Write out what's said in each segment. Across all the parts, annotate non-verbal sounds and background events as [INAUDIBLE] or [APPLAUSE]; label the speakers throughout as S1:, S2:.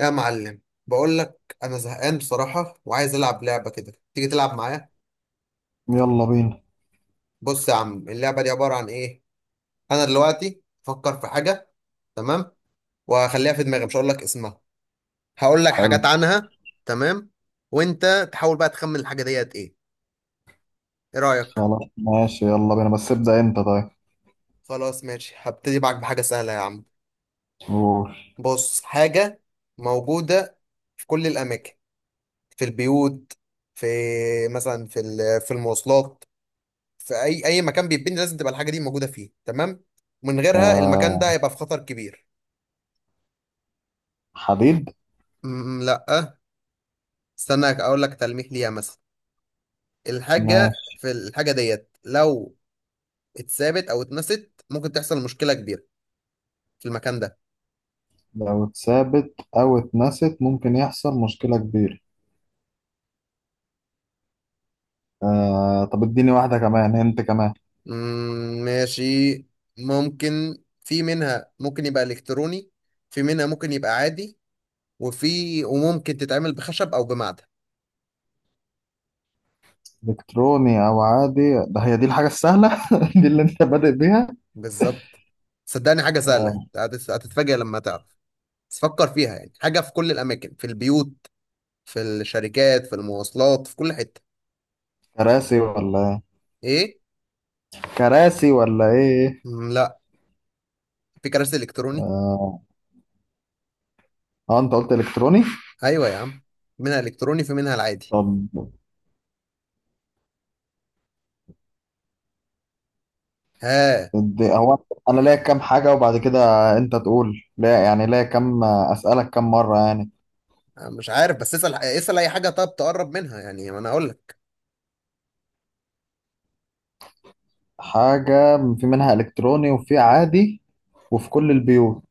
S1: يا معلم، بقول لك انا زهقان بصراحه وعايز العب لعبه كده، تيجي تلعب معايا؟
S2: يلا بينا.
S1: بص يا عم، اللعبه دي عباره عن ايه. انا دلوقتي افكر في حاجه، تمام؟ وهخليها في دماغي مش هقول لك اسمها، هقول لك
S2: حلو.
S1: حاجات عنها. تمام؟ وانت تحاول بقى تخمن الحاجه ديت ايه. ايه رايك؟
S2: خلاص ماشي، يلا بينا، بس ابدأ انت. طيب
S1: خلاص ماشي، هبتدي معاك بحاجه سهله يا عم.
S2: قول.
S1: بص، حاجه موجوده في كل الاماكن، في البيوت، في مثلا في في المواصلات، في اي مكان بيتبني لازم تبقى الحاجه دي موجوده فيه، تمام؟ من غيرها المكان ده
S2: آه،
S1: هيبقى في خطر كبير.
S2: حديد.
S1: لا. استنى اقول لك تلميح ليها مثلا، الحاجه
S2: ماشي.
S1: في الحاجه ديت لو اتثابت او اتنست ممكن تحصل مشكله كبيره في المكان ده.
S2: لو اتثابت او اتنست ممكن يحصل مشكلة كبيرة. آه طب اديني واحدة كمان، انت كمان.
S1: ماشي، ممكن في منها ممكن يبقى الكتروني، في منها ممكن يبقى عادي، وفي وممكن تتعمل بخشب او بمعدن.
S2: الكتروني او عادي؟ ده هي دي الحاجة السهلة؟ [LAUGHS] دي اللي انت بادئ بيها.
S1: بالظبط. صدقني حاجه سهله
S2: آه.
S1: هتتفاجئ لما تعرف. بس فكر فيها، يعني حاجة في كل الأماكن، في البيوت، في الشركات، في المواصلات، في كل حتة.
S2: كراسي ولا إيه؟
S1: إيه؟
S2: كراسي ولا ايه.
S1: مم، لا. في كراسي إلكتروني؟
S2: آه، اه انت قلت الكتروني.
S1: أيوة يا عم، منها إلكتروني في منها العادي.
S2: طب
S1: ها؟
S2: هو انا ليا كام حاجه وبعد كده انت تقول لا، يعني ليا كام، اسالك كام مره يعني.
S1: أنا مش عارف، بس اسأل اسأل أي حاجة طب تقرب منها، يعني ما أنا أقول لك.
S2: حاجه في منها الكتروني وفي عادي، وفي كل البيوت.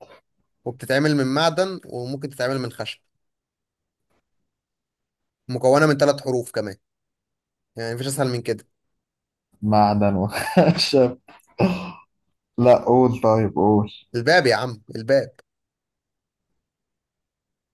S1: وبتتعمل من معدن وممكن تتعمل من خشب، مكونة من 3 حروف كمان، يعني مفيش أسهل من كده.
S2: معدن وخشب؟ [LAUGHS] لا، قول طيب، قول.
S1: الباب يا عم، الباب!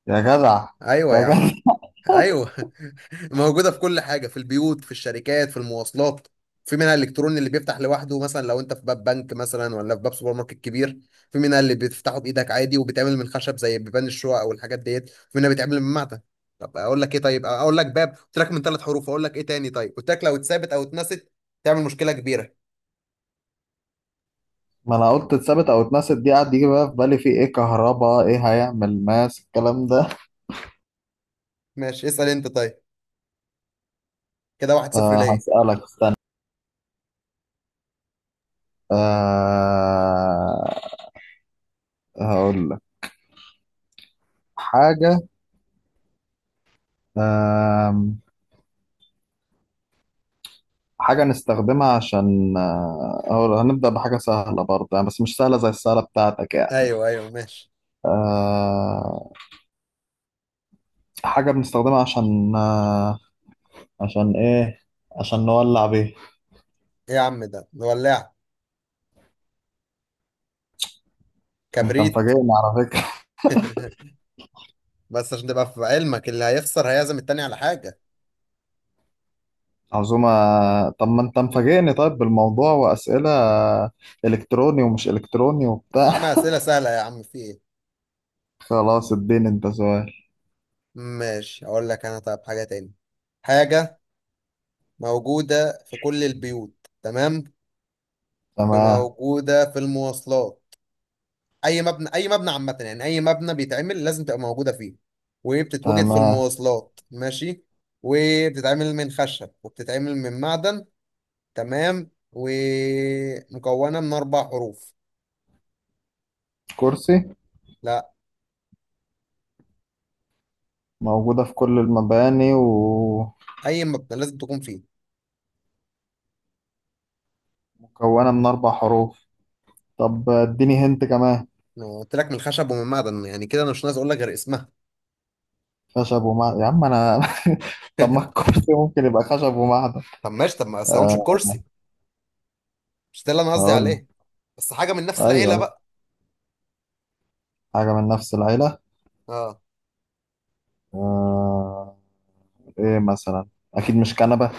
S2: يا جدع.
S1: أيوة
S2: يا
S1: يا عم.
S2: جدع.
S1: ايوه. [LAUGHS] موجوده في كل حاجه، في البيوت، في الشركات، في المواصلات، في منها الالكتروني اللي بيفتح لوحده، مثلا لو انت في باب بنك مثلا، ولا في باب سوبر ماركت كبير، في منها اللي بتفتحه بايدك عادي وبيتعمل من خشب زي بيبان الشقق او الحاجات ديت، في منها بيتعمل من معدن. طب اقول لك ايه طيب، اقول لك باب، قلت لك من 3 حروف، اقول لك ايه تاني طيب، قلت لك لو اتثابت او اتنست تعمل مشكله كبيره.
S2: ما انا قلت اتثبت او اتنست، دي قعد يجي بقى في بالي في ايه، كهرباء، ايه هيعمل ماس، الكلام ده.
S1: ماشي اسال انت طيب، كده 1-0
S2: أه
S1: ليه.
S2: هسألك، استنى. أه هقول لك حاجة. أه، حاجة نستخدمها عشان آه، أو هنبدأ بحاجة سهلة برضه يعني، بس مش سهلة زي السهلة بتاعتك يعني.
S1: ايوه ايوه ماشي.
S2: أه، حاجة بنستخدمها عشان أه، عشان إيه، عشان نولع بيه.
S1: ايه يا عم ده ولع؟
S2: أنت
S1: كبريت!
S2: مفاجئني على فكرة.
S1: [LAUGHS] بس عشان تبقى في علمك اللي هيخسر هيعزم التاني على حاجة.
S2: [LAUGHS] عزومة. طب ما أنت مفاجئني طيب بالموضوع وأسئلة، إلكتروني ومش إلكتروني
S1: يا
S2: وبتاع.
S1: عم
S2: [LAUGHS]
S1: أسئلة سهلة يا عم، في إيه؟
S2: خلاص اديني أنت سؤال.
S1: ماشي أقول لك أنا، طب حاجة تاني. حاجة موجودة في كل البيوت، تمام؟
S2: تمام.
S1: وموجودة في المواصلات، أي مبنى عامة يعني، أي مبنى بيتعمل لازم تبقى موجودة فيه، وبتتوجد في
S2: تمام.
S1: المواصلات، ماشي؟ وبتتعمل من خشب وبتتعمل من معدن، تمام؟ ومكونة من 4 حروف.
S2: كرسي.
S1: لا.
S2: موجودة في كل المباني ومكونة
S1: أي مبنى لازم تكون فيه.
S2: من أربع حروف. طب اديني هنت كمان.
S1: ما هو قلت لك من خشب ومن معدن، يعني كده انا مش ناقص اقول لك غير اسمها.
S2: خشب ومعدن، يا عم انا. [LAUGHS] طب ما الكرسي ممكن يبقى خشب ومعدن.
S1: طب ماشي طب، ما قسمهمش
S2: آه
S1: الكرسي، مش ده اللي انا قصدي
S2: هقول لك.
S1: عليه، بس حاجه من نفس
S2: ايوه،
S1: العيله
S2: أيوة.
S1: بقى.
S2: حاجه من نفس العيله.
S1: اه.
S2: آه. ايه مثلا؟ اكيد مش كنبه.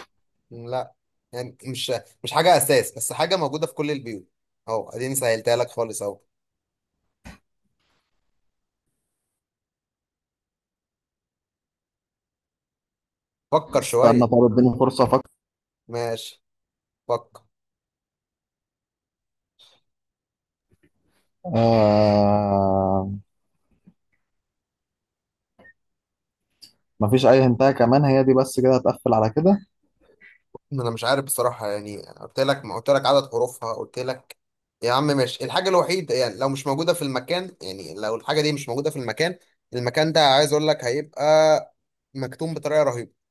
S1: لا، يعني مش حاجه اساس بس حاجه موجوده في كل البيوت، اهو اديني سهلتها لك خالص اهو، فكر
S2: استنى
S1: شويه.
S2: طب اديني فرصه افكر.
S1: ماشي، فكر.
S2: آه. مفيش اي هنتايه كمان؟ هي دي بس كده، هتقفل على كده.
S1: ما انا مش عارف بصراحه يعني، قلت لك، ما قلت لك عدد حروفها، قلت لك يا عم ماشي الحاجه الوحيده، يعني لو مش موجوده في المكان، يعني لو الحاجه دي مش موجوده في المكان، المكان ده عايز اقول لك هيبقى مكتوم بطريقه رهيبه.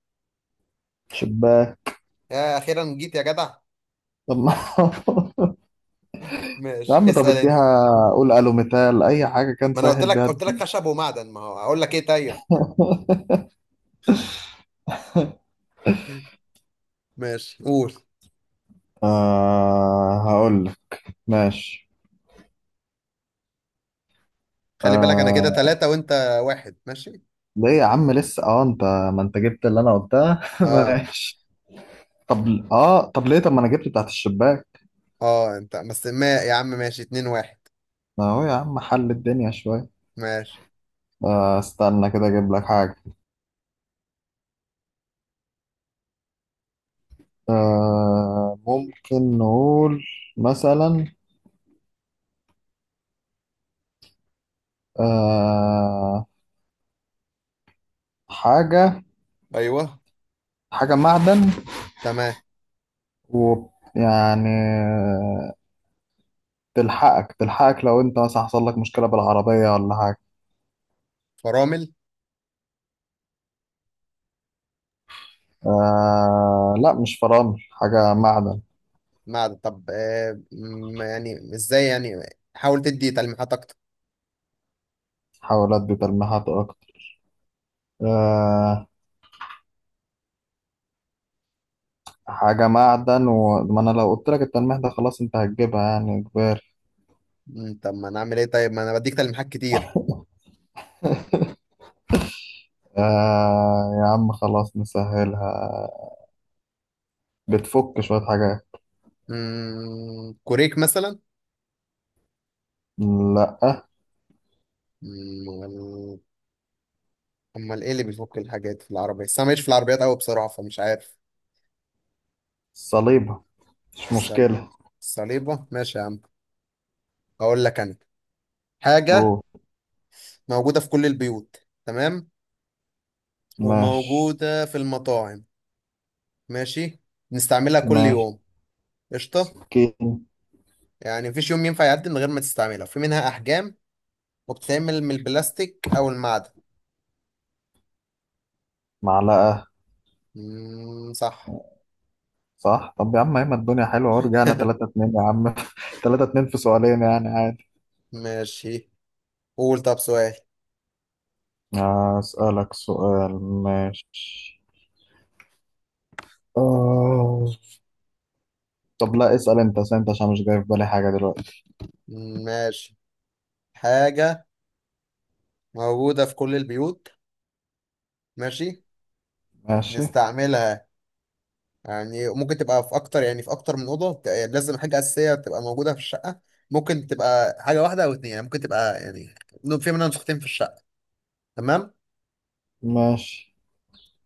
S2: شباك.
S1: يا اخيرا جيت يا جدع!
S2: طب ما [LAUGHS] يا
S1: ماشي
S2: عم طب
S1: اسال انت،
S2: اديها، قول الو مثال اي حاجه كان
S1: ما انا قلت
S2: سهل
S1: لك،
S2: بيها.
S1: قلت لك خشب ومعدن، ما هو اقول لك ايه طيب.
S2: [LAUGHS]
S1: ماشي قول.
S2: آه هقول لك. ماشي.
S1: خلي بالك انا كده
S2: آه،
S1: 3 وانت 1، ماشي.
S2: ليه يا عم لسه؟ اه انت، ما انت جبت اللي انا قلتها. [LAUGHS]
S1: اه،
S2: ماشي. طب اه، طب ليه، طب ما انا جبت بتاعت الشباك.
S1: اه انت بس، ما يا عم ماشي 2-1.
S2: ما هو يا عم، حل الدنيا شوية.
S1: ماشي.
S2: آه استنى كده اجيب لك حاجة. آه ممكن نقول مثلا، آه، حاجة.
S1: ايوه.
S2: حاجة معدن،
S1: تمام.
S2: و، يعني تلحقك لو انت مثلا حصل لك مشكلة بالعربية ولا حاجة.
S1: فرامل؟
S2: آه لا، مش فرامل، حاجة معدن.
S1: معدن؟ طب آه يعني ازاي يعني، حاول تدي تلميحات اكتر.
S2: حاول ادي تلميحات اكتر. آه حاجة معدن، وما أنا لو قلت لك التلميح ده خلاص أنت هتجيبها يعني إجباري.
S1: طب ما انا اعمل ايه طيب، ما انا بديك تلميحات كتير.
S2: آه يا عم خلاص، نسهلها، بتفك شوية حاجات.
S1: كوريك مثلا؟
S2: لأ.
S1: مم، امال ايه اللي بيفك الحاجات في العربية؟ بس انا ماليش في العربيات قوي بصراحة فمش عارف.
S2: صليبة، مش
S1: الصل-
S2: مشكلة.
S1: الصليبة، ماشي يا عم. اقول لك انا، حاجة
S2: أوه.
S1: موجودة في كل البيوت، تمام؟
S2: ماشي.
S1: وموجودة في المطاعم، ماشي؟ بنستعملها كل
S2: ماشي.
S1: يوم. قشطة.
S2: سكين.
S1: يعني مفيش يوم ينفع يعدي من غير ما تستعملها، في منها احجام، وبتتعمل من البلاستيك او المعدن.
S2: معلقة.
S1: مم، صح.
S2: صح. طب يا عم أيمن، الدنيا حلوة ورجعنا تلاتة
S1: [LAUGHS]
S2: اتنين يا عم. [LAUGHS] تلاتة اتنين في سؤالين يعني عادي.
S1: ماشي، قول طب سؤال.
S2: آه، أسألك سؤال، ماشي. آه. طب لا، اسأل أنت، اسأل أنت عشان مش جاي في بالي حاجة دلوقتي.
S1: ماشي، حاجة موجودة في كل البيوت، ماشي؟
S2: ماشي.
S1: بنستعملها، يعني ممكن تبقى في اكتر، يعني في اكتر من اوضه، يعني لازم حاجه اساسيه تبقى موجوده في الشقه، ممكن تبقى حاجه واحده او 2، يعني ممكن تبقى يعني في منها نسختين في الشقه، تمام؟
S2: ماشي.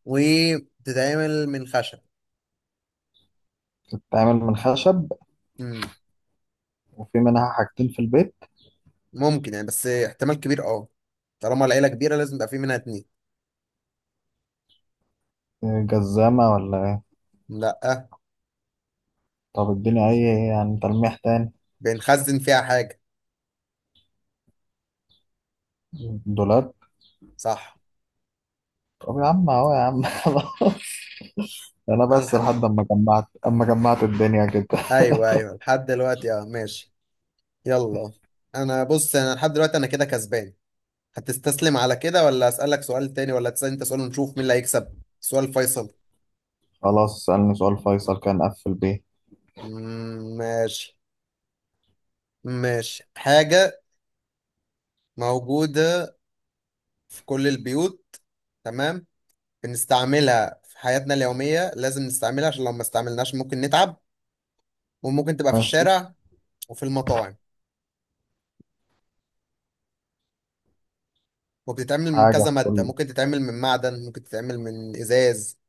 S1: وبتتعمل من خشب.
S2: بتتعمل من خشب.
S1: امم.
S2: وفي منها حاجتين في البيت.
S1: ممكن يعني بس احتمال كبير، اه، طالما العيله كبيره لازم يبقى في منها 2.
S2: آه، جزامة ولا ايه؟
S1: لا.
S2: طب اديني اي يعني تلميح تاني.
S1: بنخزن فيها حاجه.
S2: دولاب.
S1: صح.
S2: طب يا عم اهو يا عم. [LAUGHS] انا
S1: انا
S2: بس
S1: الح...
S2: لحد اما جمعت الدنيا كده.
S1: ايوه ايوه لحد دلوقتي اه، ماشي، يلا. انا بص، انا لحد دلوقتي انا كده كسبان، هتستسلم على كده ولا اسالك سؤال تاني ولا تسال انت سؤال ونشوف مين اللي هيكسب، سؤال فيصل.
S2: خلاص اسألني سؤال فيصل، كان قفل بيه.
S1: مم، ماشي، ماشي. حاجة موجودة في كل البيوت، تمام؟ بنستعملها في حياتنا اليومية، لازم نستعملها عشان لو ما استعملناش ممكن نتعب، وممكن تبقى في
S2: ماشي.
S1: الشارع وفي المطاعم، وبتتعمل من
S2: حاجة
S1: كذا
S2: في
S1: مادة،
S2: كل،
S1: ممكن تتعمل من معدن ممكن تتعمل من إزاز.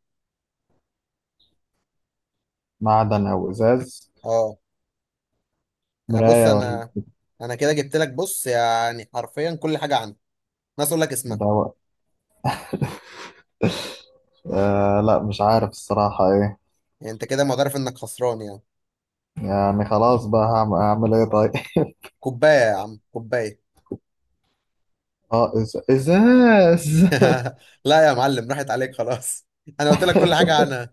S2: معدن او ازاز.
S1: اه. انا بص
S2: مراية ولا.
S1: انا، انا كده جبت لك بص يعني حرفيا كل حاجة عندي، ناس اقول لك اسمها.
S2: دواء. آه لا، مش عارف الصراحة ايه.
S1: يعني انت كده معترف انك خسران يعني؟
S2: يعني خلاص بقى، هعمل ايه طيب؟
S1: كوباية يا عم، كوباية!
S2: [LAUGHS] اه ازاز. [LAUGHS]
S1: [LAUGHS] لا يا معلم راحت عليك خلاص، انا قلت لك كل حاجة عنها،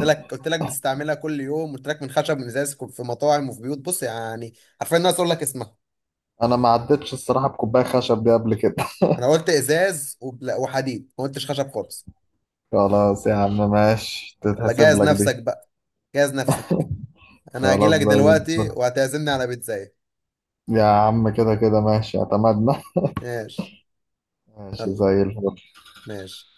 S1: قلت لك، قلت لك بتستعملها كل يوم، قلت لك من خشب من ازاز في مطاعم وفي بيوت بص يعني، عارفين الناس اقول لك اسمها.
S2: انا ما عدتش الصراحة بكوباية خشب دي قبل كده.
S1: انا قلت ازاز وحديد، ما قلتش خشب خالص.
S2: خلاص يا عم ماشي،
S1: يلا
S2: تتحسب
S1: جهز
S2: لك دي.
S1: نفسك بقى، جهز نفسك. انا هجي
S2: خلاص
S1: لك
S2: زي الفل.
S1: دلوقتي وهتعزمني على بيتزاية.
S2: يا عم كده كده ماشي، اعتمدنا.
S1: ماشي
S2: ماشي.
S1: يلا
S2: زي الفل.
S1: ماشي.